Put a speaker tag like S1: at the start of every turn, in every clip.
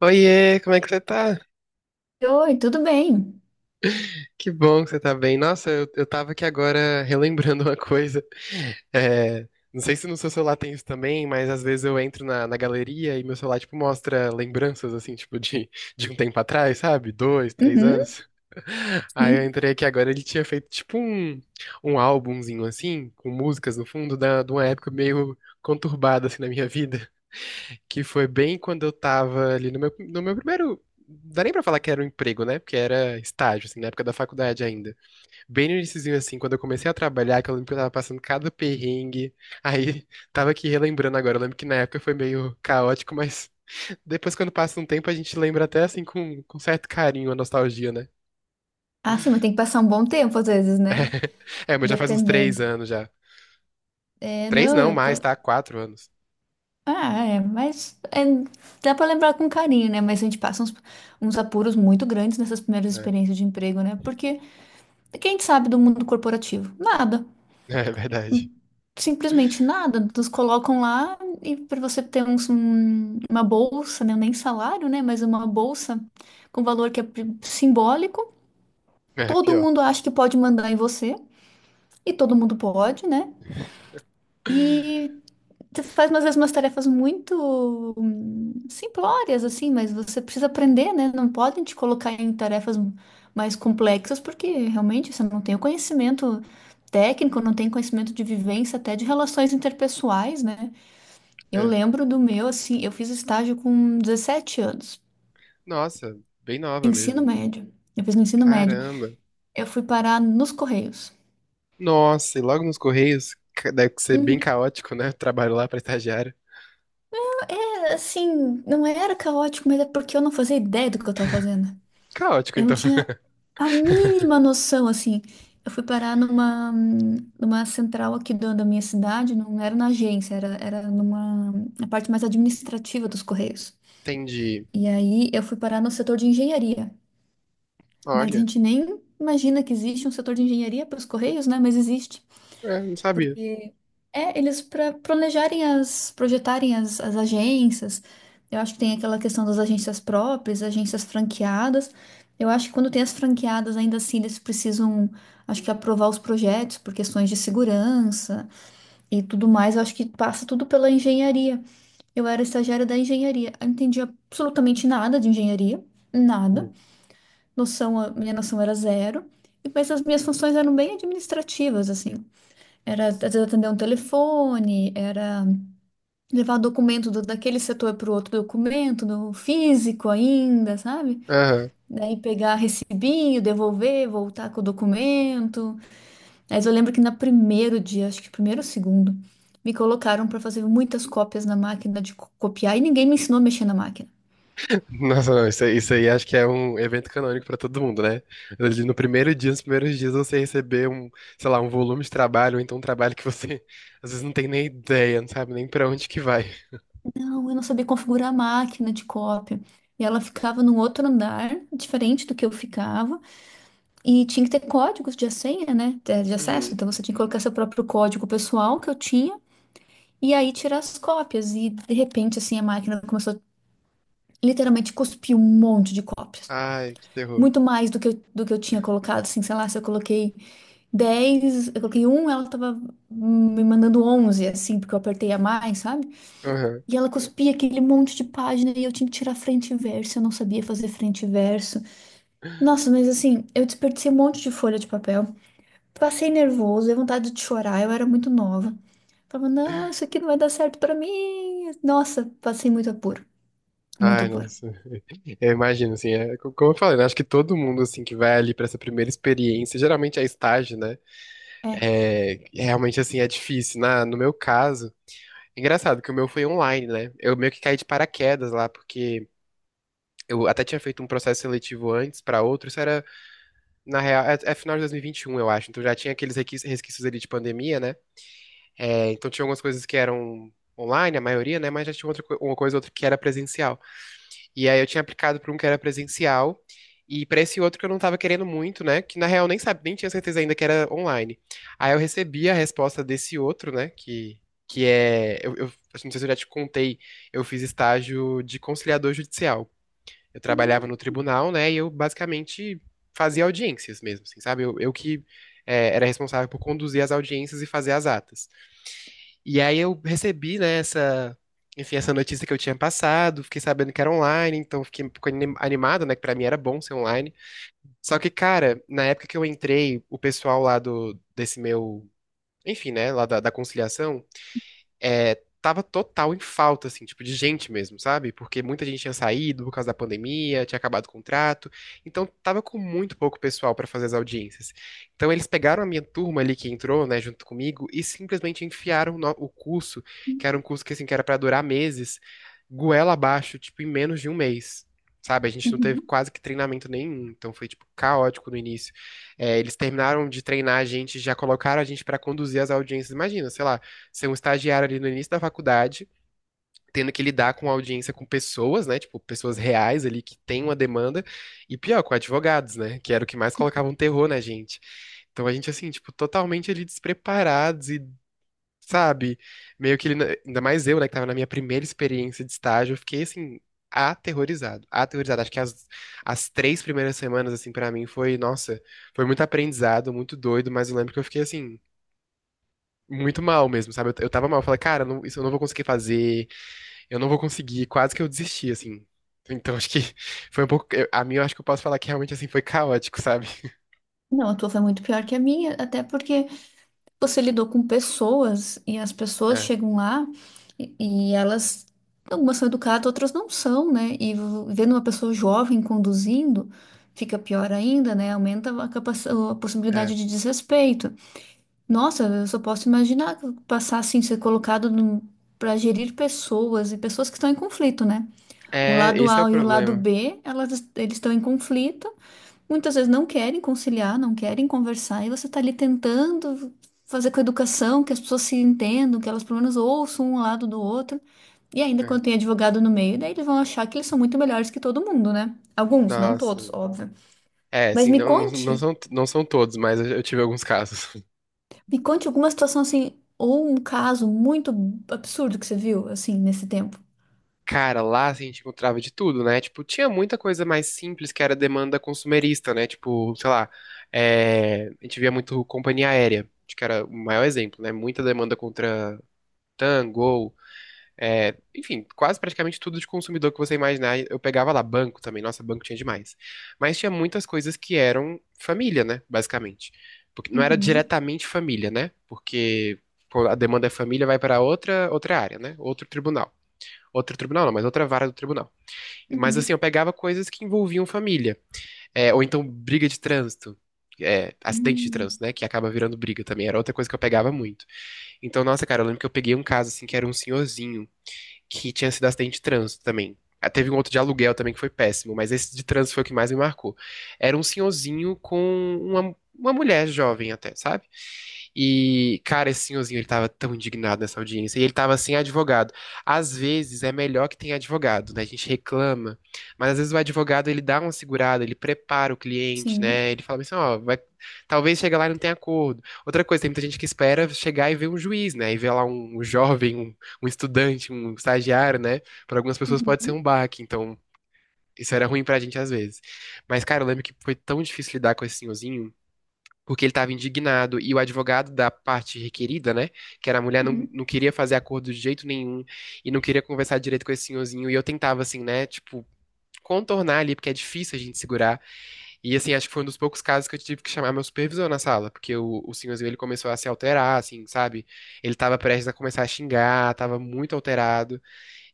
S1: Oiê, como é que você tá?
S2: Oi, tudo bem?
S1: Que bom que você tá bem. Nossa, eu tava aqui agora relembrando uma coisa. É, não sei se no seu celular tem isso também, mas às vezes eu entro na galeria e meu celular, tipo, mostra lembranças, assim, tipo, de um tempo atrás, sabe? Dois, três
S2: Uhum,
S1: anos. Aí eu
S2: sim.
S1: entrei aqui agora, ele tinha feito, tipo, um álbumzinho, assim, com músicas no fundo, de uma época meio conturbada, assim, na minha vida. Que foi bem quando eu tava ali no meu primeiro. Não dá nem pra falar que era um emprego, né? Porque era estágio, assim, na época da faculdade ainda. Bem no iniciozinho, assim, quando eu comecei a trabalhar, que eu lembro que eu tava passando cada perrengue. Aí, tava aqui relembrando agora. Eu lembro que na época foi meio caótico, mas depois, quando passa um tempo, a gente lembra até, assim, com certo carinho, a nostalgia, né?
S2: Ah, sim, mas tem que passar um bom tempo às vezes, né?
S1: É, mas já faz uns três
S2: Dependendo.
S1: anos já.
S2: É,
S1: Três
S2: não,
S1: não, mais, tá? 4 anos.
S2: Ah, é, mas é, dá pra lembrar com carinho, né? Mas a gente passa uns apuros muito grandes nessas primeiras
S1: É,
S2: experiências de emprego, né? Porque quem sabe do mundo corporativo? Nada.
S1: é verdade.
S2: Simplesmente nada. Nos colocam lá e para você ter uma bolsa, né? Nem salário, né? Mas uma bolsa com valor que é simbólico.
S1: É,
S2: Todo
S1: pior.
S2: mundo acha que pode mandar em você. E todo mundo pode, né? E tu faz às vezes umas tarefas muito simplórias, assim, mas você precisa aprender, né? Não podem te colocar em tarefas mais complexas, porque realmente você não tem o conhecimento técnico, não tem conhecimento de vivência, até de relações interpessoais, né? Eu
S1: É.
S2: lembro do meu, assim, eu fiz estágio com 17 anos,
S1: Nossa, bem nova
S2: ensino
S1: mesmo.
S2: médio. Eu fiz no ensino médio.
S1: Caramba.
S2: Eu fui parar nos Correios.
S1: Nossa, e logo nos Correios, deve ser bem
S2: Uhum.
S1: caótico, né? Trabalho lá pra estagiário.
S2: É, assim, não era caótico, mas é porque eu não fazia ideia do que eu tava fazendo.
S1: Caótico,
S2: Eu não
S1: então.
S2: tinha a mínima noção, assim. Eu fui parar numa central aqui da minha cidade, não era na agência, era na parte mais administrativa dos Correios.
S1: Entendi.
S2: E aí eu fui parar no setor de engenharia. Mas a
S1: Olha,
S2: gente nem imagina que existe um setor de engenharia para os Correios, né? Mas existe.
S1: é, não sabia.
S2: É, eles para planejarem as, projetarem as agências. Eu acho que tem aquela questão das agências próprias, agências franqueadas. Eu acho que quando tem as franqueadas, ainda assim, eles precisam, acho que aprovar os projetos por questões de segurança e tudo mais. Eu acho que passa tudo pela engenharia. Eu era estagiária da engenharia. Eu não entendi absolutamente nada de engenharia, nada.
S1: Hum.
S2: Noção, a minha noção era zero. Mas as minhas funções eram bem administrativas, assim. Era, às vezes, atender um telefone, era levar documento daquele setor para o outro documento, no físico ainda, sabe?
S1: Aham.
S2: Daí pegar recibinho, devolver, voltar com o documento. Mas eu lembro que no primeiro dia, acho que primeiro ou segundo, me colocaram para fazer muitas cópias na máquina de copiar e ninguém me ensinou a mexer na máquina.
S1: Nossa, não, isso aí acho que é um evento canônico pra todo mundo, né? Ali no primeiro dia, nos primeiros dias, você receber sei lá, um volume de trabalho, ou então um trabalho que você às vezes não tem nem ideia, não sabe nem pra onde que vai.
S2: Não, eu não sabia configurar a máquina de cópia. E ela ficava num outro andar, diferente do que eu ficava, e tinha que ter códigos de senha, né? De acesso.
S1: Uhum.
S2: Então você tinha que colocar seu próprio código pessoal que eu tinha. E aí tirar as cópias. E de repente, assim, a máquina começou a literalmente cuspir um monte de cópias.
S1: Ai, que terror.
S2: Muito mais do que eu tinha colocado, assim, sei lá, se eu coloquei 10 eu coloquei um, ela tava me mandando 11 assim, porque eu apertei a mais, sabe?
S1: Aham.
S2: E ela cuspia aquele monte de página e eu tinha que tirar frente e verso, eu não sabia fazer frente e verso. Nossa, mas assim, eu desperdicei um monte de folha de papel. Passei nervoso, dei vontade de chorar, eu era muito nova. Falava, não, isso aqui não vai dar certo pra mim. Nossa, passei muito apuro, muito
S1: Ai,
S2: apuro.
S1: nossa. Eu imagino, assim, como eu falei, né, acho que todo mundo, assim, que vai ali pra essa primeira experiência, geralmente é estágio, né,
S2: É.
S1: é, realmente, assim, é difícil. No meu caso, engraçado que o meu foi online, né, eu meio que caí de paraquedas lá, porque eu até tinha feito um processo seletivo antes pra outro, isso era, na real, é final de 2021, eu acho, então já tinha aqueles resquícios ali de pandemia, né, é, então tinha algumas coisas que eram online, a maioria, né, mas já tinha outra, uma coisa ou outra que era presencial. E aí eu tinha aplicado para um que era presencial e para esse outro que eu não estava querendo muito, né? Que na real nem sabe, nem tinha certeza ainda que era online. Aí eu recebi a resposta desse outro, né? Que é. Eu assim, não sei se eu já te contei, eu fiz estágio de conciliador judicial. Eu trabalhava no tribunal, né? E eu basicamente fazia audiências mesmo, assim, sabe? Eu era responsável por conduzir as audiências e fazer as atas. E aí eu recebi, né, essa, enfim, essa notícia que eu tinha passado, fiquei sabendo que era online, então fiquei um pouco animado, né, que pra mim era bom ser online. Só que, cara, na época que eu entrei, o pessoal lá desse meu, enfim, né, lá da conciliação, é, tava total em falta, assim, tipo, de gente mesmo, sabe? Porque muita gente tinha saído por causa da pandemia, tinha acabado o contrato, então tava com muito pouco pessoal pra fazer as audiências. Então eles pegaram a minha turma ali que entrou, né, junto comigo, e simplesmente enfiaram o curso, que era um curso que, assim, que era pra durar meses, goela abaixo, tipo, em menos de um mês. Sabe, a gente não teve
S2: Uhum.
S1: quase que treinamento nenhum, então foi, tipo, caótico no início. É, eles terminaram de treinar a gente, já colocaram a gente pra conduzir as audiências. Imagina, sei lá, ser um estagiário ali no início da faculdade, tendo que lidar com audiência com pessoas, né? Tipo, pessoas reais ali que têm uma demanda, e pior, com advogados, né? Que era o que mais colocava um terror na gente. Então a gente, assim, tipo, totalmente ali despreparados e, sabe, meio que ele, ainda mais eu, né, que tava na minha primeira experiência de estágio, eu fiquei, assim, aterrorizado, aterrorizado. Acho que as 3 primeiras semanas, assim, pra mim foi, nossa, foi muito aprendizado, muito doido, mas eu lembro que eu fiquei, assim, muito mal mesmo, sabe? Eu tava mal, eu falei, cara, isso eu não vou conseguir fazer, eu não vou conseguir, quase que eu desisti, assim. Então acho que foi um pouco, a mim, eu acho que eu posso falar que realmente assim foi caótico, sabe?
S2: Não, a tua foi muito pior que a minha, até porque você lidou com pessoas e as pessoas
S1: É,
S2: chegam lá e, e elas, algumas são educadas, outras não são, né? E vendo uma pessoa jovem conduzindo, fica pior ainda, né? Aumenta a possibilidade
S1: é.
S2: de desrespeito. Nossa, eu só posso imaginar passar assim, ser colocado para gerir pessoas e pessoas que estão em conflito, né? O
S1: É,
S2: lado
S1: esse é o
S2: A e o lado
S1: problema.
S2: B, eles estão em conflito, muitas vezes não querem conciliar, não querem conversar, e você está ali tentando fazer com a educação, que as pessoas se entendam, que elas pelo menos ouçam um lado do outro, e ainda
S1: É.
S2: quando tem advogado no meio, daí eles vão achar que eles são muito melhores que todo mundo, né? Alguns, não
S1: Nossa.
S2: todos, óbvio.
S1: É,
S2: Mas
S1: assim,
S2: me
S1: não, não
S2: conte.
S1: são, não são todos, mas eu tive alguns casos.
S2: Me conte alguma situação assim, ou um caso muito absurdo que você viu, assim, nesse tempo.
S1: Cara, lá assim, a gente encontrava de tudo, né? Tipo, tinha muita coisa mais simples que era demanda consumerista, né? Tipo, sei lá, é, a gente via muito companhia aérea, acho que era o maior exemplo, né? Muita demanda contra Tango, é, enfim, quase praticamente tudo de consumidor que você imaginar. Eu pegava lá banco também, nossa, banco tinha demais. Mas tinha muitas coisas que eram família, né, basicamente. Porque não era
S2: Uhum,
S1: diretamente família, né? Porque pô, a demanda é família, vai para outra área, né? Outro tribunal. Outro tribunal, não, mas outra vara do tribunal. Mas assim,
S2: uhum.
S1: eu pegava coisas que envolviam família. É, ou então briga de trânsito. É, acidente de
S2: Hum,
S1: trânsito, né? Que acaba virando briga também. Era outra coisa que eu pegava muito. Então, nossa, cara, eu lembro que eu peguei um caso assim que era um senhorzinho que tinha sido acidente de trânsito também. Ah, teve um outro de aluguel também que foi péssimo, mas esse de trânsito foi o que mais me marcou. Era um senhorzinho com uma mulher jovem até, sabe? E, cara, esse senhorzinho, ele tava tão indignado nessa audiência. E ele tava sem advogado. Às vezes é melhor que tenha advogado, né? A gente reclama. Mas às vezes o advogado, ele dá uma segurada, ele prepara o cliente,
S2: sim.
S1: né? Ele fala assim, ó, vai. Talvez chegue lá e não tenha acordo. Outra coisa, tem muita gente que espera chegar e ver um juiz, né? E ver lá um jovem, um estudante, um estagiário, né? Para algumas pessoas pode ser um
S2: Uhum,
S1: baque, então. Isso era ruim pra gente às vezes. Mas, cara, eu lembro que foi tão difícil lidar com esse senhorzinho porque ele estava indignado e o advogado da parte requerida, né, que era a mulher, não,
S2: uhum.
S1: não queria fazer acordo de jeito nenhum e não queria conversar direito com esse senhorzinho. E eu tentava, assim, né, tipo, contornar ali, porque é difícil a gente segurar. E, assim, acho que foi um dos poucos casos que eu tive que chamar meu supervisor na sala, porque o senhorzinho, ele começou a se alterar, assim, sabe? Ele estava prestes a começar a xingar, estava muito alterado.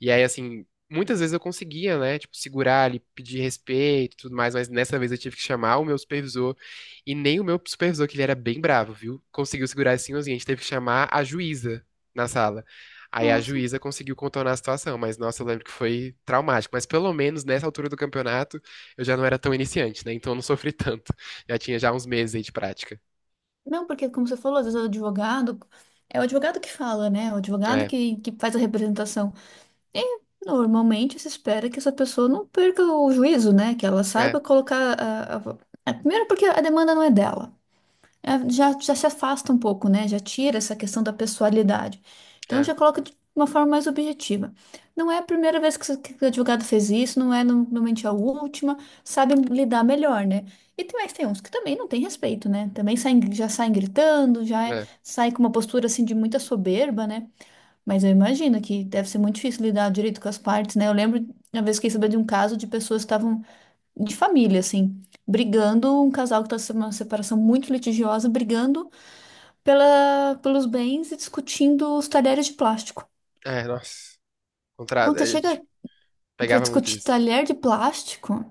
S1: E aí, assim, muitas vezes eu conseguia, né? Tipo, segurar ali, pedir respeito e tudo mais, mas nessa vez eu tive que chamar o meu supervisor. E nem o meu supervisor, que ele era bem bravo, viu? Conseguiu segurar assim, a gente teve que chamar a juíza na sala. Aí a
S2: Nossa.
S1: juíza conseguiu contornar a situação, mas nossa, eu lembro que foi traumático. Mas pelo menos nessa altura do campeonato eu já não era tão iniciante, né? Então eu não sofri tanto. Já tinha já uns meses aí de prática.
S2: Não, porque como você falou, às vezes o advogado, é o advogado que fala, né? O advogado
S1: É,
S2: que faz a representação. E normalmente se espera que essa pessoa não perca o juízo, né? Que ela
S1: é,
S2: saiba colocar a primeiro porque a demanda não é dela. É, já se afasta um pouco, né? Já tira essa questão da pessoalidade. Então
S1: é,
S2: já coloca de uma forma mais objetiva. Não é a primeira vez que, que o advogado fez isso, não é normalmente a última, sabe lidar melhor, né? E tem, mas tem uns que também não tem respeito, né? Também saem, já saem gritando,
S1: é,
S2: saem com uma postura assim de muita soberba, né? Mas eu imagino que deve ser muito difícil lidar direito com as partes, né? Eu lembro uma vez que soube de um caso de pessoas que estavam de família, assim, brigando, um casal que estava numa separação muito litigiosa, brigando pelos bens e discutindo os talheres de plástico.
S1: é, nossa. Contra.
S2: Quando você
S1: A
S2: chega
S1: gente
S2: para
S1: pegava muito
S2: discutir
S1: disso.
S2: talher de plástico,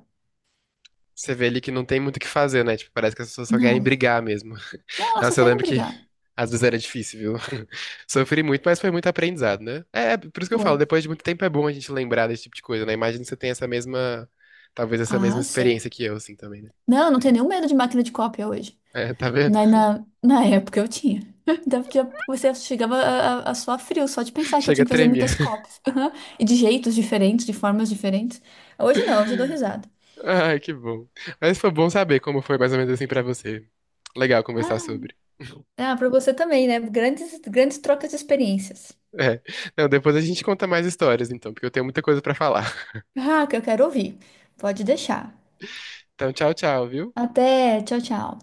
S1: Você vê ali que não tem muito o que fazer, né? Tipo, parece que as pessoas só querem
S2: não.
S1: brigar mesmo.
S2: Não, elas só
S1: Nossa, eu
S2: querem
S1: lembro que
S2: brigar.
S1: às vezes era difícil, viu? Sofri muito, mas foi muito aprendizado, né? É, é por isso que eu
S2: Foi.
S1: falo, depois de muito tempo é bom a gente lembrar desse tipo de coisa, né? Imagina que você tem essa mesma, talvez essa mesma
S2: Ah, sim.
S1: experiência que eu, assim, também, né?
S2: Não, não tem nenhum medo de máquina de cópia hoje.
S1: É, tá vendo?
S2: Na época eu tinha. Você chegava a suar frio só de pensar que eu
S1: Chega a
S2: tinha que fazer
S1: tremer.
S2: muitas cópias. Aham. E de jeitos diferentes, de formas diferentes. Hoje não, hoje eu dou risada.
S1: Ai, que bom. Mas foi bom saber como foi mais ou menos assim pra você. Legal conversar
S2: Ah,
S1: sobre.
S2: ah, para você também, né? Grandes, grandes trocas de experiências.
S1: É. Não, depois a gente conta mais histórias, então, porque eu tenho muita coisa pra falar.
S2: Ah, que eu quero ouvir. Pode deixar.
S1: Então, tchau, tchau, viu?
S2: Até, tchau, tchau.